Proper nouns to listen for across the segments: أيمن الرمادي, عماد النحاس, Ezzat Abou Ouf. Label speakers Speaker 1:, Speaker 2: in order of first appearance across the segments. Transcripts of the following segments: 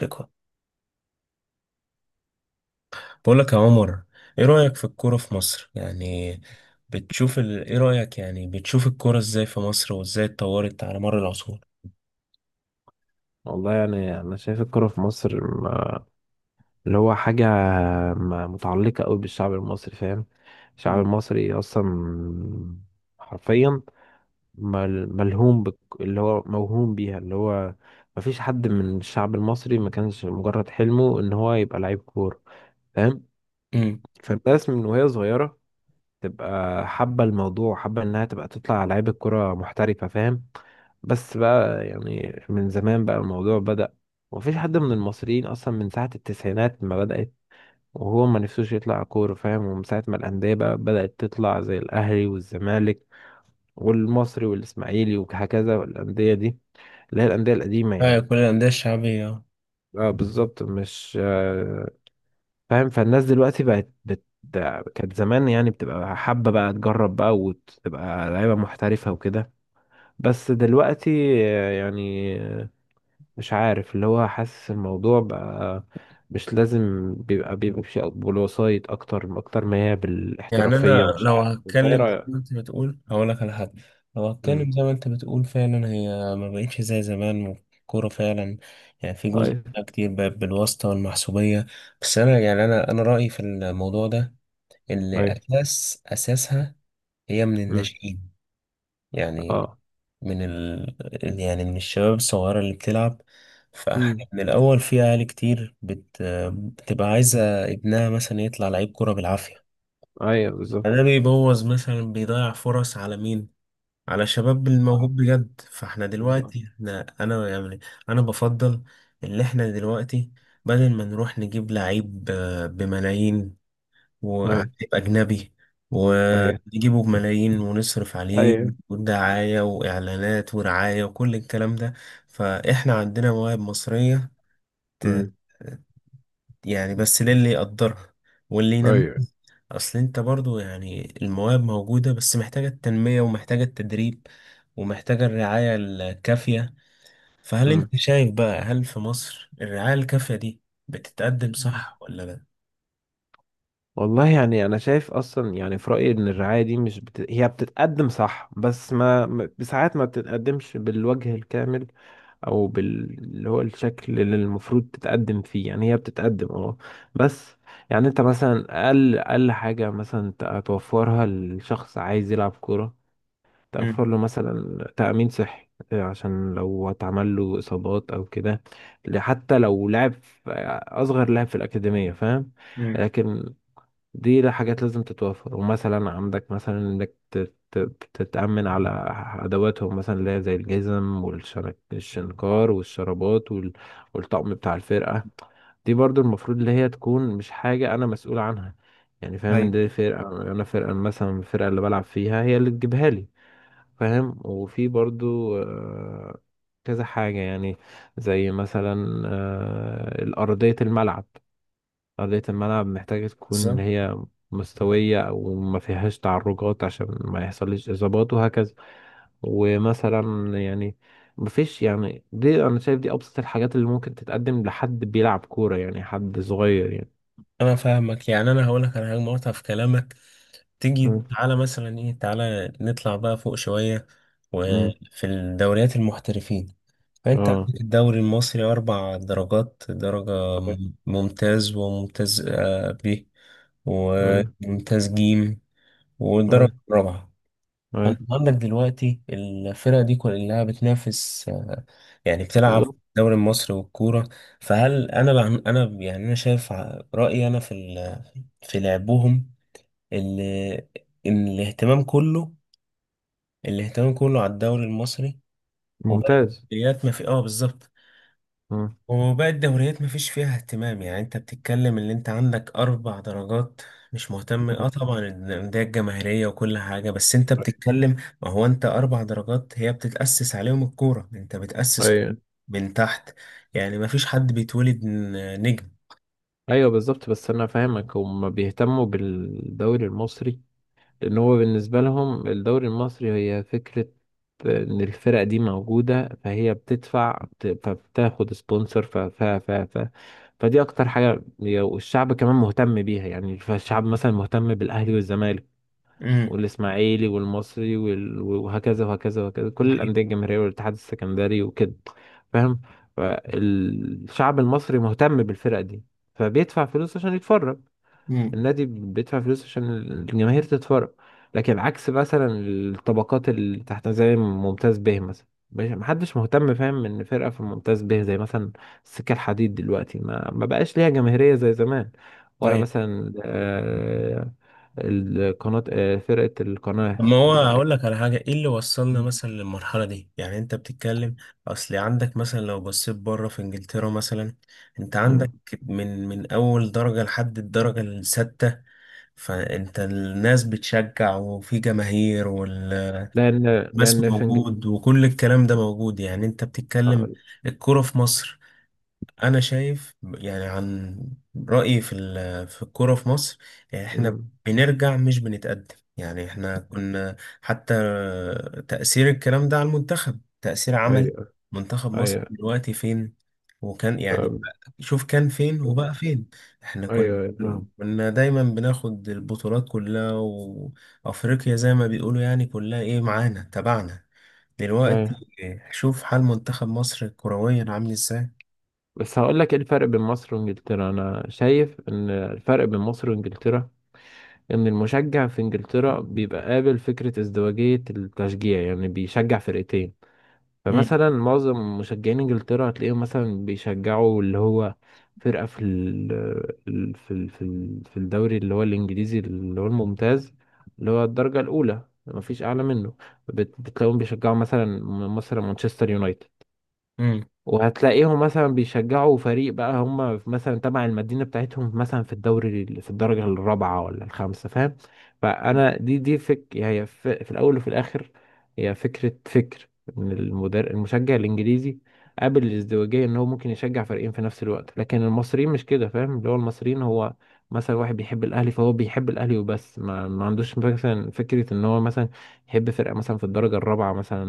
Speaker 1: ثقة. بقول لك يا عمر، ايه رأيك في الكورة في مصر يعني؟ ايه رأيك يعني؟ بتشوف الكورة ازاي في مصر وازاي اتطورت على مر العصور؟
Speaker 2: والله يعني انا شايف الكرة في مصر اللي هو حاجة متعلقة قوي بالشعب المصري، فاهم؟ الشعب
Speaker 1: مم.
Speaker 2: المصري اصلا حرفيا ملهوم بك، اللي هو موهوم بيها، اللي هو مفيش حد من الشعب المصري ما كانش مجرد حلمه ان هو يبقى لعيب كورة، فاهم؟
Speaker 1: امم.
Speaker 2: فالناس من وهي صغيرة تبقى حابة الموضوع، حابة إنها تبقى تطلع لعيبة كرة محترفة، فاهم؟ بس بقى يعني من زمان بقى الموضوع بدأ، ومفيش حد من المصريين أصلا من ساعة التسعينات ما بدأت وهو ما نفسوش يطلع كورة، فاهم؟ ومن ساعة ما الأندية بقى بدأت تطلع زي الأهلي والزمالك والمصري والإسماعيلي، وهكذا الأندية دي، اللي هي الأندية القديمة يعني.
Speaker 1: كل الأندية الشعبية.
Speaker 2: اه، بالظبط. مش؟ فاهم؟ فالناس دلوقتي كانت زمان يعني بتبقى حابة بقى تجرب بقى، وتبقى لعيبة محترفة وكده. بس دلوقتي، يعني مش عارف، اللي هو حاسس الموضوع بقى مش لازم بيبقى بالوسايط، أكتر أكتر ما هي
Speaker 1: يعني
Speaker 2: بالاحترافية.
Speaker 1: انا
Speaker 2: مش
Speaker 1: لو
Speaker 2: عارف، أنت إيه
Speaker 1: هتكلم زي ما
Speaker 2: رأيك؟
Speaker 1: انت بتقول هقول لك على حاجه. لو
Speaker 2: مم.
Speaker 1: هتكلم زي ما انت بتقول فعلا، هي ما بقتش زي زمان الكوره فعلا. يعني في جزء
Speaker 2: أيوه،
Speaker 1: كتير بقى بالواسطه والمحسوبيه. بس انا يعني انا رايي في الموضوع ده، اللي
Speaker 2: أيوه.
Speaker 1: اساسها هي من
Speaker 2: مم.
Speaker 1: الناشئين، يعني
Speaker 2: أه.
Speaker 1: من ال... يعني من الشباب الصغيره اللي بتلعب. فاحنا
Speaker 2: مم.
Speaker 1: من الاول في اهالي كتير بتبقى عايزه ابنها مثلا يطلع لعيب كوره بالعافيه.
Speaker 2: أيوه، بالظبط.
Speaker 1: ده بيبوظ مثلا، بيضيع فرص على مين؟ على شباب
Speaker 2: أه،
Speaker 1: الموهوب بجد. فاحنا
Speaker 2: بالظبط.
Speaker 1: دلوقتي احنا انا يعني انا بفضل اللي احنا دلوقتي بدل ما نروح نجيب لعيب، بملايين، وعيب
Speaker 2: أيوه،
Speaker 1: اجنبي،
Speaker 2: أيوه،
Speaker 1: ونجيبه بملايين ونصرف عليه
Speaker 2: أيوه.
Speaker 1: ودعاية واعلانات ورعاية وكل الكلام ده. فاحنا عندنا مواهب مصرية، ت-
Speaker 2: مم.
Speaker 1: يعني بس للي يقدرها واللي ينميها.
Speaker 2: أيوه.
Speaker 1: اصل انت برضو يعني المواهب موجودة، بس محتاجة التنمية ومحتاجة التدريب ومحتاجة الرعاية الكافية. فهل انت شايف بقى، هل في مصر الرعاية الكافية دي بتتقدم
Speaker 2: مم.
Speaker 1: صح ولا لا؟
Speaker 2: والله يعني انا شايف اصلا، يعني في رايي ان الرعايه دي مش بت... هي بتتقدم صح، بس ساعات ما بتتقدمش بالوجه الكامل، او اللي هو الشكل اللي المفروض تتقدم فيه. يعني هي بتتقدم بس. يعني انت مثلا اقل اقل حاجه مثلا توفرها لشخص عايز يلعب كوره،
Speaker 1: امم.
Speaker 2: توفر له مثلا تامين صحي، عشان لو اتعمل له اصابات او كده، حتى لو لعب اصغر لاعب في الاكاديميه، فاهم؟
Speaker 1: امم.
Speaker 2: لكن دي لا حاجات لازم تتوفر. ومثلا عندك مثلا انك تتأمن على ادواتهم مثلا، اللي هي زي الجزم والشنكار والشرابات والطقم بتاع الفرقة. دي برضو المفروض اللي هي تكون مش حاجة انا مسؤول عنها، يعني فاهم.
Speaker 1: ايوه،
Speaker 2: دي فرقة، انا فرقة مثلا، الفرقة اللي بلعب فيها هي اللي تجيبها لي، فاهم؟ وفي برضو كذا حاجة يعني، زي مثلا آه، الأرضية الملعب أرضية الملعب محتاجة تكون
Speaker 1: بالظبط.
Speaker 2: اللي هي مستوية أو ما فيهاش تعرجات، عشان ما يحصلش إصابات وهكذا. ومثلا، يعني مفيش يعني دي أنا شايف دي أبسط الحاجات اللي ممكن تتقدم لحد بيلعب كورة، يعني حد صغير يعني.
Speaker 1: انا فاهمك. يعني انا هقولك على حاجة مقاطعة في كلامك. تيجي
Speaker 2: مم.
Speaker 1: تعالى مثلا، ايه، تعالى نطلع بقى فوق شوية
Speaker 2: مم.
Speaker 1: وفي الدوريات المحترفين. فأنت
Speaker 2: اه،
Speaker 1: عندك الدوري المصري أربع درجات: درجة
Speaker 2: أيوة،
Speaker 1: ممتاز، وممتاز ب،
Speaker 2: أيوة،
Speaker 1: وممتاز جيم، والدرجة
Speaker 2: أيوة.
Speaker 1: الرابعة. فأنت
Speaker 2: أيوة.
Speaker 1: عندك دلوقتي الفرقة دي كلها بتنافس، يعني بتلعب في
Speaker 2: بالظبط.
Speaker 1: الدوري المصري والكورة. فهل أنا أنا يعني أنا شايف، رأيي أنا في لعبهم إن إن الاهتمام كله على الدوري المصري. وبقت
Speaker 2: ممتاز.
Speaker 1: الدوريات ما في. اه، بالظبط.
Speaker 2: مم.
Speaker 1: وباقي الدوريات مفيش فيها اهتمام. يعني انت بتتكلم اللي انت عندك اربع درجات، مش مهتم. اه،
Speaker 2: مم.
Speaker 1: طبعا الانديه الجماهيريه وكل حاجه، بس انت
Speaker 2: أيوة،
Speaker 1: بتتكلم. ما هو انت اربع درجات هي بتتاسس عليهم الكوره، انت بتاسس
Speaker 2: أيوة،
Speaker 1: من تحت. يعني مفيش حد بيتولد نجم.
Speaker 2: أيوة. بالظبط، بس أنا فاهمك، هما بيهتموا بالدوري المصري، لأن هو بالنسبة لهم الدوري المصري هي فكرة إن الفرق دي موجودة، فهي بتدفع فبتاخد سبونسر، ف ف ف ف فدي أكتر حاجة. والشعب كمان مهتم بيها، يعني فالشعب مثلا مهتم بالأهلي والزمالك
Speaker 1: امم.
Speaker 2: والإسماعيلي والمصري وهكذا وهكذا وهكذا، كل
Speaker 1: صحيح.
Speaker 2: الأندية الجماهيرية والاتحاد السكندري وكده، فاهم؟ فالشعب المصري مهتم بالفرق دي، فبيدفع فلوس عشان يتفرج،
Speaker 1: امم.
Speaker 2: النادي بيدفع فلوس عشان الجماهير تتفرج. لكن عكس مثلا الطبقات اللي تحت زي ممتاز به مثلا، محدش مهتم، فاهم؟ ان فرقة في ممتاز به زي مثلا السكة الحديد دلوقتي ما بقاش ليها جماهيرية زي زمان، ولا مثلا، آه، القناة آه، فرقة
Speaker 1: طب
Speaker 2: القناة
Speaker 1: ما هو هقول لك على حاجة، ايه اللي وصلنا مثلا للمرحلة دي؟ يعني انت بتتكلم، اصل عندك مثلا لو بصيت بره في انجلترا مثلا، انت عندك
Speaker 2: مم.
Speaker 1: من اول درجة لحد الدرجة السادسة، فانت الناس بتشجع وفي جماهير والماس
Speaker 2: لأن لأن في إنجلترا.
Speaker 1: موجود وكل الكلام ده موجود. يعني انت بتتكلم الكرة في مصر، انا شايف يعني عن رايي في الكوره في مصر، يعني احنا بنرجع مش بنتقدم. يعني احنا كنا، حتى تاثير الكلام ده على المنتخب تاثير عملي.
Speaker 2: أيوه،
Speaker 1: منتخب مصر
Speaker 2: أيوه.
Speaker 1: دلوقتي فين؟ وكان يعني
Speaker 2: طب-
Speaker 1: شوف، كان فين وبقى فين. احنا كنا،
Speaker 2: أيوه، أيوه، فاهم.
Speaker 1: كنا دايما بناخد البطولات كلها، وافريقيا زي ما بيقولوا يعني كلها ايه، معانا تبعنا. دلوقتي
Speaker 2: أيوه،
Speaker 1: شوف حال منتخب مصر كرويا عامل ازاي.
Speaker 2: بس هقول لك ايه الفرق بين مصر وانجلترا. انا شايف ان الفرق بين مصر وانجلترا ان المشجع في انجلترا بيبقى قابل فكرة ازدواجية التشجيع، يعني بيشجع فرقتين. فمثلا معظم مشجعين انجلترا هتلاقيهم مثلا بيشجعوا، اللي هو، فرقة في ال ال- في ال- في ال- في الدوري، اللي هو الانجليزي، اللي هو الممتاز، اللي هو الدرجة الاولى، مفيش اعلى منه. بتلاقيهم بيشجعوا مثلا مصر مانشستر يونايتد،
Speaker 1: مم.
Speaker 2: وهتلاقيهم مثلا بيشجعوا فريق بقى هم مثلا تبع المدينة بتاعتهم مثلا في الدوري في الدرجة الرابعة ولا الخامسة، فاهم؟ فأنا دي دي فك هي ف- في الأول وفي الآخر، هي فكرة إن المشجع الإنجليزي قابل الازدواجية، إن هو ممكن يشجع فريقين في نفس الوقت. لكن المصريين مش كده، فاهم؟ اللي هو المصريين هو مثلا واحد بيحب الأهلي، فهو بيحب الأهلي وبس، ما عندوش مثلا فكرة إن هو مثلا يحب فرقة مثلا في الدرجة الرابعة مثلا،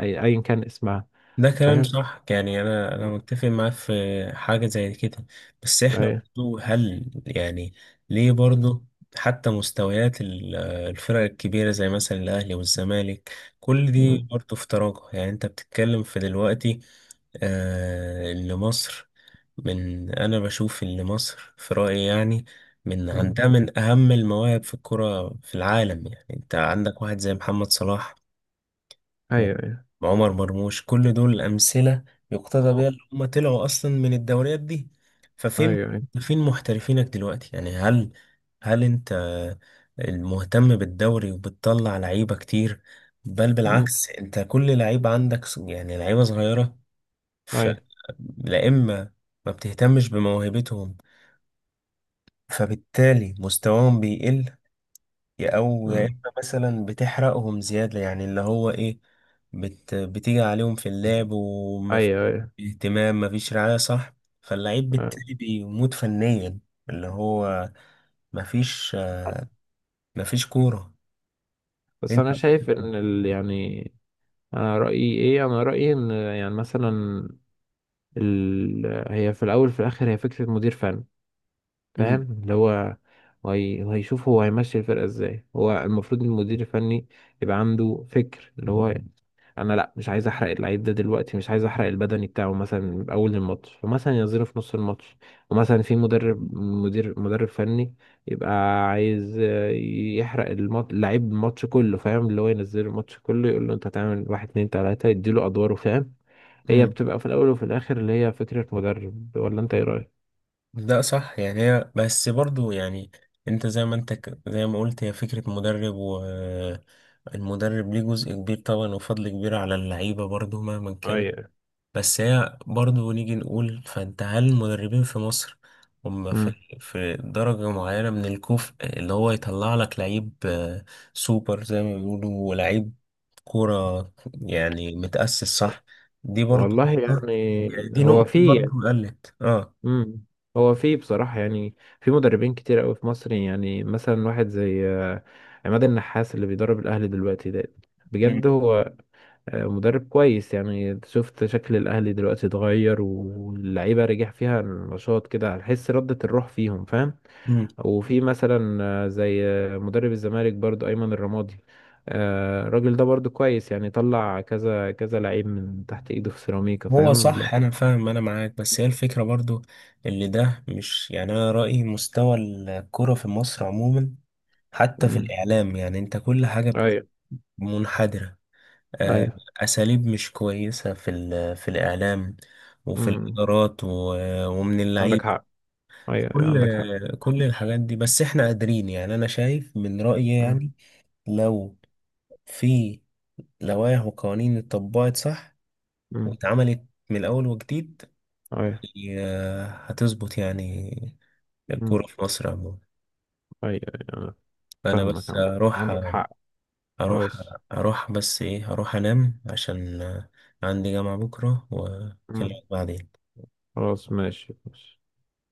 Speaker 2: أيا كان اسمها،
Speaker 1: ده كلام
Speaker 2: فاهم؟
Speaker 1: صح. يعني انا متفق معاه في حاجه زي كده. بس احنا
Speaker 2: ايوه.
Speaker 1: برضو هل يعني ليه برضو حتى مستويات الفرق الكبيره زي مثلا الاهلي والزمالك كل دي
Speaker 2: مم.
Speaker 1: برضو في تراجع؟ يعني انت بتتكلم في دلوقتي اللي مصر، من انا بشوف ان مصر في رايي يعني من
Speaker 2: مم.
Speaker 1: عندها من اهم المواهب في الكره في العالم. يعني انت عندك واحد زي محمد صلاح
Speaker 2: ايوه، ايوه.
Speaker 1: وعمر مرموش، كل دول أمثلة يقتدى
Speaker 2: و-
Speaker 1: بيها، اللي هم طلعوا أصلا من الدوريات دي.
Speaker 2: ايوه،
Speaker 1: ففين،
Speaker 2: ايوه.
Speaker 1: فين محترفينك دلوقتي؟ يعني هل، هل أنت المهتم بالدوري وبتطلع لعيبة كتير؟ بل
Speaker 2: مم.
Speaker 1: بالعكس، أنت كل لعيبة عندك يعني لعيبة صغيرة. ف
Speaker 2: ايوه.
Speaker 1: لا، إما ما بتهتمش بموهبتهم فبالتالي مستواهم بيقل، يا او يا
Speaker 2: مم.
Speaker 1: اما مثلا بتحرقهم زياده. يعني اللي هو ايه؟ بتيجي عليهم في اللعب ومفيش
Speaker 2: ايوه، ايوه،
Speaker 1: اهتمام، مفيش رعايه، صح؟ فاللعيب
Speaker 2: أيوة.
Speaker 1: بالتالي بيموت فنيا. اللي هو مفيش مفيش كوره.
Speaker 2: بس
Speaker 1: انت.
Speaker 2: انا شايف ان يعني انا رايي ايه؟ انا رايي ان يعني مثلا ال... هي في الاول في الاخر هي فكره مدير فني، فاهم؟
Speaker 1: امم.
Speaker 2: اللي هو وهيشوف هو هيمشي الفرقة ازاي. هو المفروض المدير الفني يبقى عنده فكر، اللي هو انا لا، مش عايز احرق اللعيب ده دلوقتي، مش عايز احرق البدني بتاعه مثلا من اول الماتش، فمثلا ينزله في نص الماتش. ومثلا في مدرب فني يبقى عايز يحرق اللعيب الماتش كله، فاهم؟ اللي هو ينزله الماتش كله، يقول له انت هتعمل واحد اتنين تلاتة، يديله ادواره، فاهم؟ هي
Speaker 1: امم.
Speaker 2: بتبقى في الاول وفي الاخر اللي هي فكرة مدرب، ولا انت ايه رأيك؟
Speaker 1: ده صح. يعني هي بس برضو، يعني انت زي ما انت زي ما قلت هي فكرة مدرب، والمدرب ليه جزء كبير طبعا وفضل كبير على اللعيبة برضو مهما كان.
Speaker 2: ايوه.
Speaker 1: بس هي برضه نيجي نقول، فانت هل المدربين في مصر هم في درجة معينة من الكفء اللي هو يطلع لك لعيب سوبر زي ما بيقولوا، ولعيب كورة يعني متأسس صح؟ دي برضه
Speaker 2: والله
Speaker 1: نقطة.
Speaker 2: يعني
Speaker 1: يعني دي
Speaker 2: هو
Speaker 1: نقطة
Speaker 2: في
Speaker 1: برضه قلت. اه.
Speaker 2: امم هو في بصراحة، يعني في مدربين كتير قوي في مصر، يعني مثلا واحد زي عماد النحاس اللي بيدرب الأهلي دلوقتي ده،
Speaker 1: مم.
Speaker 2: بجد هو مدرب كويس. يعني شفت شكل الأهلي دلوقتي اتغير، واللعيبة رجع فيها النشاط كده، هتحس ردة الروح فيهم، فاهم؟
Speaker 1: مم.
Speaker 2: وفي مثلا زي مدرب الزمالك برضو أيمن الرمادي. الراجل ده برضو كويس، يعني طلع كذا كذا لعيب من تحت ايده في سيراميكا،
Speaker 1: هو
Speaker 2: فاهم؟
Speaker 1: صح انا فاهم، انا معاك. بس هي الفكرة برضو اللي ده، مش يعني، انا رأيي مستوى الكرة في مصر عموما حتى في
Speaker 2: لا،
Speaker 1: الاعلام. يعني انت كل حاجة
Speaker 2: ايوه،
Speaker 1: منحدرة. آه،
Speaker 2: ايوه.
Speaker 1: أساليب مش كويسة في الإعلام وفي
Speaker 2: امم.
Speaker 1: الإدارات ومن
Speaker 2: عندك
Speaker 1: اللعيبة.
Speaker 2: حق. ايوه، ايوه،
Speaker 1: كل
Speaker 2: عندك حق.
Speaker 1: كل الحاجات دي، بس إحنا قادرين. يعني أنا شايف من رأيي
Speaker 2: امم.
Speaker 1: يعني لو في لوائح وقوانين اتطبقت صح
Speaker 2: امم.
Speaker 1: واتعملت من الأول وجديد،
Speaker 2: ايوه.
Speaker 1: هتظبط يعني
Speaker 2: امم.
Speaker 1: الكورة في مصر عموما.
Speaker 2: ايوه، ايوه. أنا
Speaker 1: أنا
Speaker 2: فاهمك
Speaker 1: بس أروح،
Speaker 2: عندك حق.
Speaker 1: أروح
Speaker 2: خلاص.
Speaker 1: أروح بس إيه، أروح أنام عشان عندي جامعة بكرة
Speaker 2: امم.
Speaker 1: وأكلمك بعدين.
Speaker 2: خلاص، ماشي ماشي.